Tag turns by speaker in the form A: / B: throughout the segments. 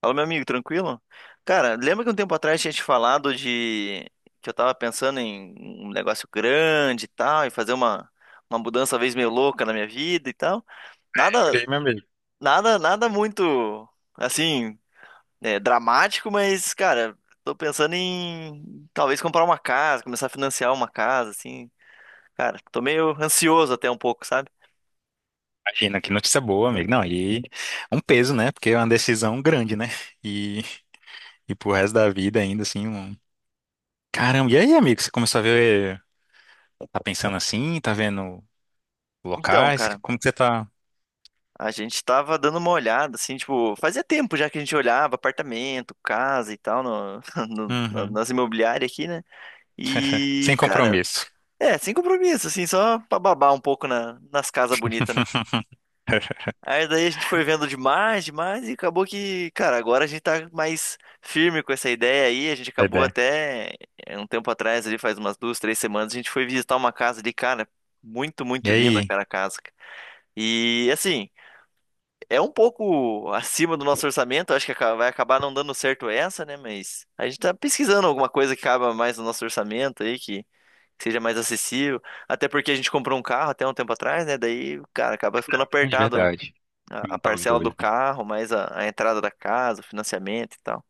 A: Fala, meu amigo, tranquilo? Cara, lembra que um tempo atrás tinha te falado de que eu tava pensando em um negócio grande e tal, e fazer uma mudança talvez meio louca na minha vida e tal?
B: É,
A: Nada,
B: jurei, meu amigo.
A: nada, muito assim, dramático, mas, cara, tô pensando em talvez comprar uma casa, começar a financiar uma casa, assim. Cara, tô meio ansioso até um pouco, sabe?
B: Imagina, que notícia boa, amigo. Não, e um peso, né? Porque é uma decisão grande, né? E, e pro resto da vida ainda, assim, um... Caramba, e aí, amigo, você começou a ver... Tá pensando assim? Tá vendo
A: Então,
B: locais?
A: cara.
B: Como que você tá?
A: A gente tava dando uma olhada, assim, tipo, fazia tempo já que a gente olhava apartamento, casa e tal, no- na-
B: Uhum.
A: nas imobiliárias aqui, né? E,
B: Sem
A: cara,
B: compromisso.
A: sem compromisso, assim, só pra babar um pouco nas casas bonitas, né?
B: Boa
A: Aí daí a gente foi vendo demais, demais, e acabou que, cara, agora a gente tá mais firme com essa ideia aí. A gente acabou
B: ideia.
A: até um tempo atrás, ali, faz umas duas, três semanas, a gente foi visitar uma casa ali, cara, muito,
B: E
A: muito linda,
B: aí?
A: cara, a casa. E assim. É um pouco acima do nosso orçamento, acho que vai acabar não dando certo essa, né? Mas a gente tá pesquisando alguma coisa que caiba mais no nosso orçamento aí, que seja mais acessível. Até porque a gente comprou um carro até um tempo atrás, né? Daí, cara, acaba ficando
B: Não, de
A: apertado
B: verdade.
A: a
B: Juntar os
A: parcela
B: dois,
A: do
B: né?
A: carro, mais a entrada da casa, o financiamento e tal.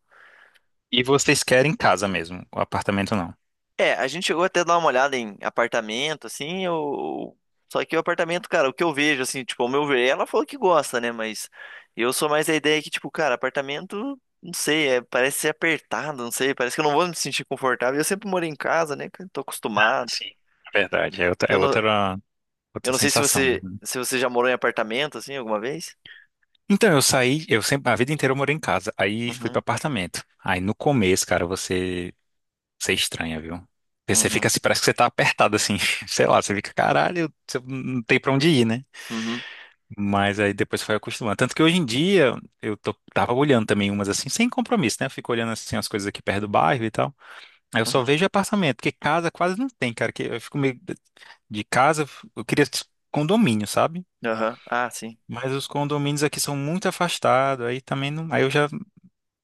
B: E vocês querem casa mesmo, o apartamento não.
A: É, a gente chegou até a dar uma olhada em apartamento, assim, eu... Só que o apartamento, cara, o que eu vejo, assim, tipo, ao meu ver, ela falou que gosta, né? Mas eu sou mais da ideia que, tipo, cara, apartamento, não sei, parece ser apertado, não sei, parece que eu não vou me sentir confortável. Eu sempre morei em casa, né? Cara, tô acostumado.
B: Sim. Verdade, é outra, é
A: Eu não,
B: outra,
A: eu
B: outra
A: não sei se
B: sensação,
A: você,
B: né?
A: se você já morou em apartamento, assim, alguma vez?
B: Então, eu sempre, a vida inteira eu morei em casa. Aí fui
A: Uhum,
B: para apartamento. Aí no começo, cara, você é estranha, viu? Porque você
A: uhum,
B: fica assim, parece que você tá apertado assim. Sei lá, você fica, caralho, você não tem pra onde ir, né?
A: uhum,
B: Mas aí depois foi acostumando. Tanto que hoje em dia eu tava olhando também umas assim, sem compromisso, né? Eu fico olhando assim as coisas aqui perto do bairro e tal. Aí eu só
A: uhum,
B: vejo apartamento, porque casa quase não tem, cara. Que eu fico meio de casa, eu queria condomínio, sabe?
A: aham, ah, sim.
B: Mas os condomínios aqui são muito afastados, aí também não. Aí eu já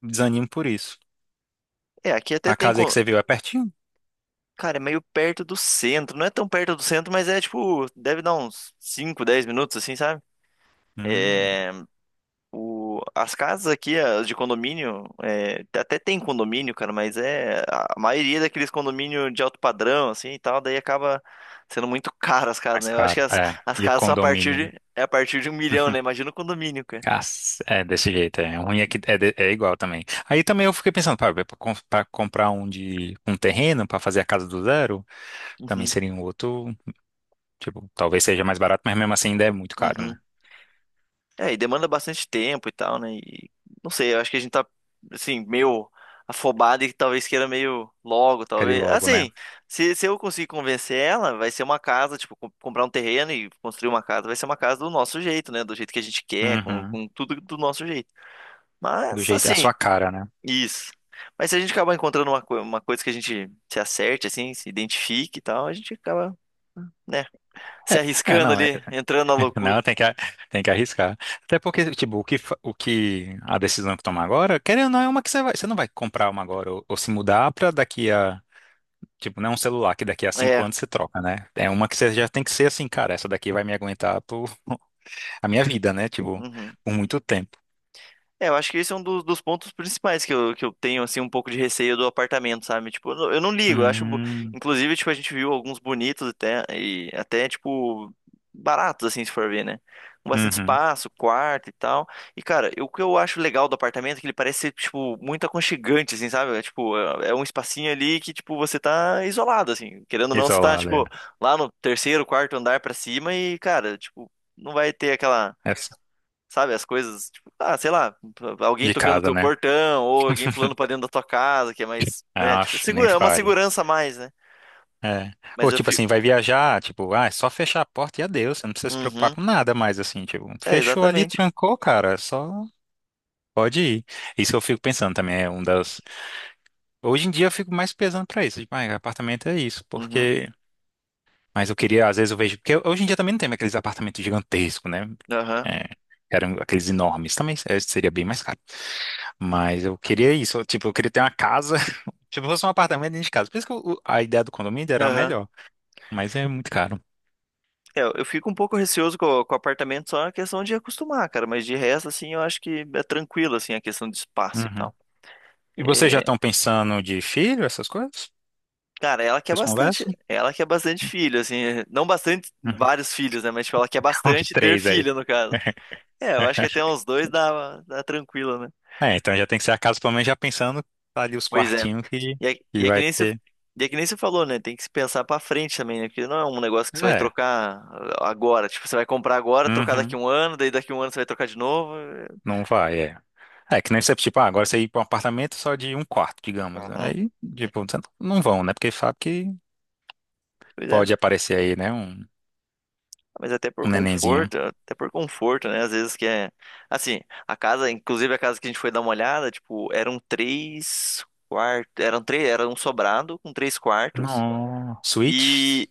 B: desanimo por isso.
A: É, aqui até
B: A
A: tem.
B: casa aí que você viu é pertinho?
A: Cara, é meio perto do centro. Não é tão perto do centro, mas é tipo, deve dar uns 5, 10 minutos, assim, sabe?
B: Hum,
A: É, as casas aqui, as de condomínio, até tem condomínio, cara, mas é a maioria daqueles condomínio de alto padrão, assim e tal, daí acaba sendo muito caro as casas,
B: mais
A: né? Eu acho que
B: caro.
A: as,
B: É.
A: as
B: E o
A: casas são a partir
B: condomínio?
A: de, é a partir de um milhão, né? Imagina o condomínio, cara.
B: Cac- É desse jeito, é ruim é que é, é igual também. Aí também eu fiquei pensando, para comprar um de um terreno para fazer a casa do zero, também
A: Uhum,
B: seria um outro, tipo, talvez seja mais barato, mas mesmo assim ainda é muito caro,
A: uhum.
B: né?
A: É, e demanda bastante tempo e tal, né? E não sei, eu acho que a gente tá, assim, meio afobado e talvez queira meio logo,
B: Quero ir
A: talvez.
B: logo, né?
A: Assim, se eu conseguir convencer ela, vai ser uma casa, tipo, comprar um terreno e construir uma casa, vai ser uma casa do nosso jeito, né? Do jeito que a gente quer, com,
B: Uhum.
A: com tudo do nosso jeito.
B: Do
A: Mas,
B: jeito, a
A: assim,
B: sua cara, né?
A: isso. Mas se a gente acabar encontrando uma coisa que a gente se acerte, assim, se identifique e tal, a gente acaba, né, se
B: É, é,
A: arriscando
B: não, é,
A: ali, entrando na loucura.
B: Não, tem que arriscar. Até porque, tipo, o que a decisão que tomar agora, querendo ou não, é uma que você não vai comprar uma agora ou se mudar pra daqui a, tipo, não é um celular que daqui a cinco
A: É,
B: anos você troca, né? É uma que você já tem que ser assim, cara, essa daqui vai me aguentar por a minha vida, né? Tipo,
A: uhum.
B: por muito tempo.
A: É, eu acho que esse é um dos pontos principais que eu tenho, assim, um pouco de receio do apartamento, sabe? Tipo, eu não ligo, eu acho.
B: Hum,
A: Inclusive, tipo, a gente viu alguns bonitos até, e até, tipo, baratos, assim, se for ver, né? Com bastante
B: uhum.
A: espaço, quarto e tal. E, cara, o que eu acho legal do apartamento é que ele parece ser, tipo, muito aconchegante, assim, sabe? É, tipo, é um espacinho ali que, tipo, você tá isolado, assim. Querendo ou não, você tá,
B: Isolada, é.
A: tipo, lá no terceiro, quarto andar pra cima e, cara, tipo, não vai ter aquela.
B: Essa-
A: Sabe, as coisas, tipo, ah, sei lá, alguém
B: De
A: tocando no
B: casa,
A: teu
B: né?
A: portão ou alguém pulando pra dentro da tua casa, que é mais, né,
B: Ah,
A: tipo,
B: nem
A: segura, é uma
B: fale.
A: segurança a mais, né?
B: É.
A: Mas
B: Ou
A: eu
B: tipo
A: fico.
B: assim, vai viajar, tipo, ah, é só fechar a porta e adeus, você não precisa se preocupar
A: Uhum,
B: com nada mais, assim, tipo,
A: é,
B: fechou ali,
A: exatamente.
B: trancou, cara, só pode ir. Isso eu fico pensando também, é um das. Hoje em dia eu fico mais pesando pra isso, tipo, ah, apartamento é isso,
A: Uhum,
B: porque. Mas eu queria, às vezes eu vejo, porque hoje em dia também não tem mais aqueles apartamentos gigantescos, né?
A: aham,
B: É, eram aqueles enormes, também é, seria bem mais caro. Mas eu queria isso, eu, tipo, eu queria ter uma casa, tipo, fosse um apartamento dentro de casa. Por isso que a ideia do condomínio era a
A: aham.
B: melhor, mas é muito caro.
A: É, eu fico um pouco receoso com o apartamento, só na questão de acostumar, cara, mas de resto, assim, eu acho que é tranquilo, assim, a questão de espaço e
B: Uhum.
A: tal.
B: E vocês já
A: É,
B: estão pensando de filho, essas coisas?
A: cara,
B: Vocês conversam?
A: ela quer bastante filho, assim, não bastante,
B: Uhum.
A: vários filhos, né, mas, tipo, ela quer
B: Uns
A: bastante ter
B: três
A: filho,
B: aí.
A: no caso. É, eu acho que até uns dois dá, tranquilo, né?
B: É, então já tem que ser a casa, pelo menos já pensando, tá ali os
A: Pois é.
B: quartinhos
A: E é,
B: que
A: e é que
B: vai
A: nem você,
B: ter.
A: e é que nem você falou, né? Tem que se pensar pra frente também, né? Porque não é um negócio que você vai
B: É,
A: trocar agora. Tipo, você vai comprar agora, trocar daqui a
B: uhum.
A: um ano, daí daqui a um ano você vai trocar de novo.
B: Não vai, é. É, que nem você, tipo, ah, agora você ir para um apartamento só de um quarto, digamos.
A: Uhum.
B: Aí, tipo, você não não vão, né? Porque sabe que
A: Pois é.
B: pode aparecer aí, né? Um,
A: Mas
B: um nenenzinho.
A: até por conforto, né? Às vezes que é. Assim, a casa, inclusive a casa que a gente foi dar uma olhada, tipo, eram três quartos. Eram três, era um sobrado com três quartos.
B: Nossa, Switch?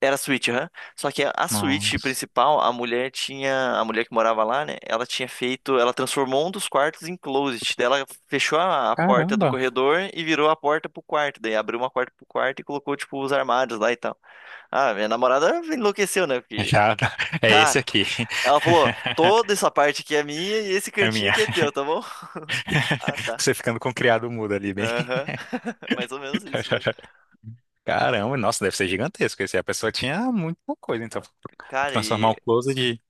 A: Era a suíte, aham. Só que a suíte
B: Nossa.
A: principal, a mulher tinha. A mulher que morava lá, né? Ela tinha feito. Ela transformou um dos quartos em closet. Daí ela fechou a porta do
B: Caramba.
A: corredor e virou a porta pro quarto. Daí abriu uma porta pro quarto e colocou, tipo, os armários lá e tal. Ah, minha namorada enlouqueceu, né? Porque,
B: Já, é esse
A: cara,
B: aqui.
A: ela falou: toda essa parte aqui é minha e esse
B: É
A: cantinho
B: minha.
A: aqui é teu, tá bom? Ah, tá.
B: Você ficando com o criado mudo ali, bem.
A: Aham. Mais ou menos isso mesmo.
B: Caramba, nossa, deve ser gigantesco esse. A pessoa tinha muita coisa, então.
A: Cara,
B: Transformar
A: e,
B: um closet de.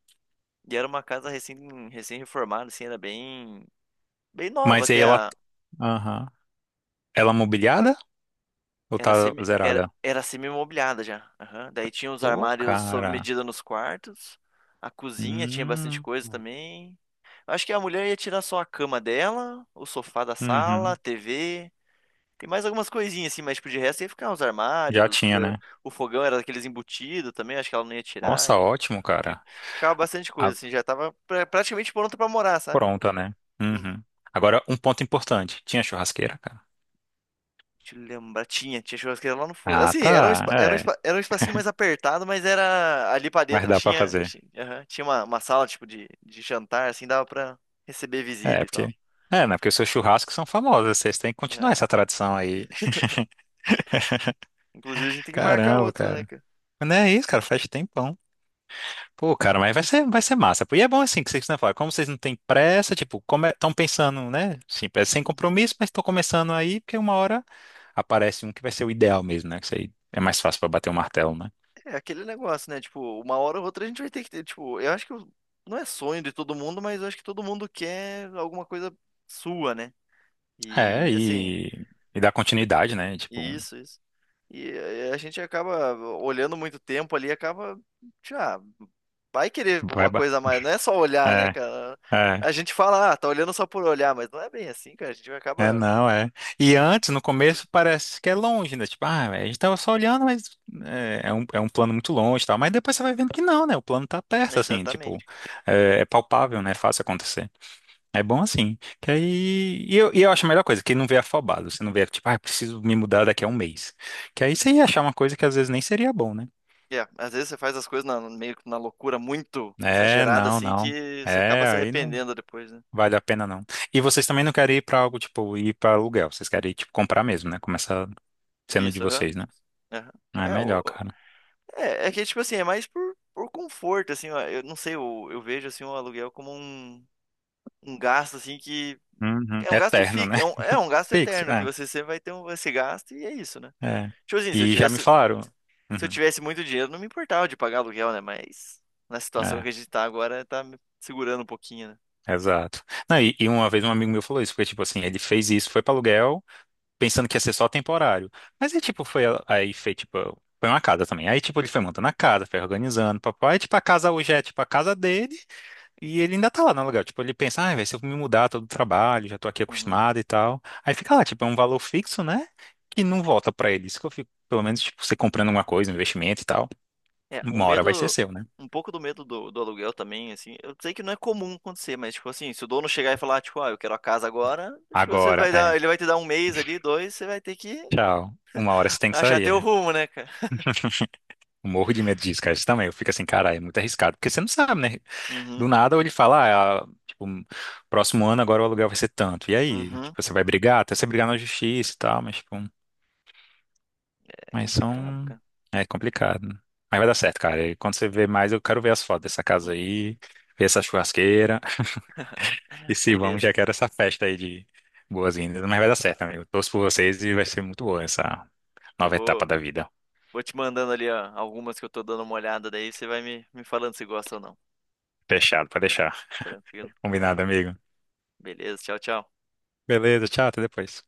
A: e era uma casa recém-reformada, assim, era bem. Bem nova
B: Mas aí
A: até
B: ela.
A: a,
B: Aham. Ela mobiliada ou
A: Era
B: tá
A: semi, era,
B: zerada?
A: era semi-mobiliada já. Aham. Daí tinha os
B: Pô,
A: armários sob
B: cara.
A: medida nos quartos. A cozinha tinha bastante
B: Hum.
A: coisa também. Eu acho que a mulher ia tirar só a cama dela, o sofá da sala,
B: Uhum.
A: a TV e mais algumas coisinhas assim, mas tipo, de resto ia ficar os
B: Já
A: armários,
B: tinha, né?
A: o fogão era daqueles embutidos também, acho que ela não ia tirar.
B: Nossa,
A: E
B: ótimo,
A: fi-
B: cara.
A: ficava bastante
B: A
A: coisa assim, já tava praticamente pronta pra morar, sabe?
B: pronta, né? Uhum. Agora, um ponto importante. Tinha churrasqueira, cara?
A: Deixa eu lembrar. Tinha churrasqueira lá no fundo.
B: Ah,
A: Assim, era um,
B: tá.
A: espa- era um,
B: É.
A: espa- era um espacinho mais apertado, mas era ali pra
B: Mas
A: dentro
B: dá pra
A: tinha,
B: fazer.
A: tinha aham, tinha, uma sala tipo de jantar, assim, dava pra receber visita
B: É,
A: e tal.
B: porque. É, né? Porque os seus churrascos são famosos. Vocês têm que continuar
A: Ah,
B: essa tradição aí.
A: inclusive a gente tem que marcar
B: Caramba,
A: outro, né,
B: cara.
A: cara?
B: Mas não é isso, cara, faz tempão. Pô, cara, mas vai ser massa, pô. E é bom assim que vocês não falam, como vocês não têm pressa, tipo, estão pensando, né? Sim, é sem
A: Uhum.
B: compromisso, mas estão começando aí, porque uma hora aparece um que vai ser o ideal mesmo, né? Que isso aí é mais fácil pra bater o martelo, né?
A: É aquele negócio, né? Tipo, uma hora ou outra a gente vai ter que ter, tipo, eu acho que não é sonho de todo mundo, mas eu acho que todo mundo quer alguma coisa sua, né?
B: É,
A: E assim.
B: e dar continuidade, né? Tipo,
A: Isso, isso. E a gente acaba olhando muito tempo ali, acaba já vai querer
B: vai,
A: uma
B: ba-
A: coisa a mais, não é só olhar, né,
B: é,
A: cara?
B: é.
A: A gente fala, ah, tá olhando só por olhar, mas não é bem assim, cara. A gente
B: É,
A: acaba.
B: não, é. E antes, no começo, parece que é longe, né? Tipo, ah, a gente tava só olhando, mas é um plano muito longe e tal. Mas depois você vai vendo que não, né? O plano tá perto, assim, tipo,
A: Exatamente.
B: é, é palpável, né? É fácil acontecer. É bom assim. Que aí. E eu acho a melhor coisa, que não vê afobado. Você não vê, tipo, ah, preciso me mudar daqui a um mês. Que aí você ia achar uma coisa que às vezes nem seria bom, né?
A: É, às vezes você faz as coisas meio que na loucura muito
B: É,
A: exagerada,
B: não,
A: assim,
B: não.
A: que você acaba
B: É,
A: se
B: aí não
A: arrependendo depois, né?
B: vale a pena, não. E vocês também não querem ir pra algo, tipo, ir pra aluguel. Vocês querem, tipo, comprar mesmo, né? Começar sendo de
A: Isso, aham.
B: vocês, né?
A: Aham.
B: Ah, é
A: É,
B: melhor,
A: o...
B: cara.
A: é que, tipo assim, é mais por conforto, assim, ó. Eu não sei, eu vejo, assim, o aluguel como um gasto, assim, que
B: Uhum.
A: é um gasto
B: Eterno,
A: fixo,
B: né?
A: é um, gasto
B: Fixo,
A: eterno que
B: é.
A: você sempre vai ter um, esse gasto e é isso, né?
B: É.
A: Tipo assim, se eu
B: E já me
A: tivesse,
B: falaram.
A: se eu
B: Uhum.
A: tivesse muito dinheiro, não me importava de pagar aluguel, né? Mas na situação
B: É,
A: que a gente tá agora, tá me segurando um pouquinho, né?
B: exato. Não, e uma vez um amigo meu falou isso, porque, tipo assim, ele fez isso, foi para aluguel, pensando que ia ser só temporário. Mas aí, tipo, foi, aí fez, tipo, foi uma casa também. Aí, tipo, ele foi montando a casa, foi organizando, papai, e, tipo, a casa hoje é, tipo, a casa dele, e ele ainda tá lá no aluguel. Tipo, ele pensa, ah, velho, se eu me mudar, todo trabalho, já tô aqui
A: Uhum.
B: acostumado e tal. Aí fica lá, tipo, é um valor fixo, né? Que não volta pra ele. Isso que eu fico, pelo menos, tipo, você comprando alguma coisa, um investimento e tal,
A: É, o
B: uma hora vai ser
A: medo,
B: seu, né?
A: um pouco do medo do aluguel também, assim, eu sei que não é comum acontecer, mas tipo assim, se o dono chegar e falar, tipo, ah, eu quero a casa agora, tipo, você
B: Agora,
A: vai dar,
B: é,
A: ele vai te dar um mês ali, dois, você vai ter que
B: tchau. Uma hora você tem que
A: achar
B: sair,
A: teu
B: é.
A: rumo, né, cara?
B: Eu morro de medo disso, cara. Isso também. Eu fico assim, cara, é muito arriscado. Porque você não sabe, né? Do
A: Uhum,
B: nada, ou ele fala, ah, tipo, próximo ano agora o aluguel vai ser tanto. E aí?
A: uhum.
B: Tipo, você vai brigar, até você brigar na justiça e tal, mas, tipo.
A: É
B: Mas
A: complicado,
B: são.
A: cara.
B: É complicado. Mas vai dar certo, cara. E quando você vê mais, eu quero ver as fotos dessa casa
A: Uhum.
B: aí, ver essa churrasqueira. E se vamos,
A: Beleza.
B: já quero essa festa aí de boas-vindas. Mas vai dar certo, amigo. Torço por vocês e vai ser muito boa essa
A: Eu
B: nova etapa
A: vou
B: da vida.
A: Vou te mandando ali, ó, algumas que eu tô dando uma olhada daí, você vai me falando se gosta ou não.
B: Fechado, pode deixar.
A: Tranquilo.
B: Combinado, amigo.
A: Beleza, tchau, tchau.
B: Beleza, tchau, até depois.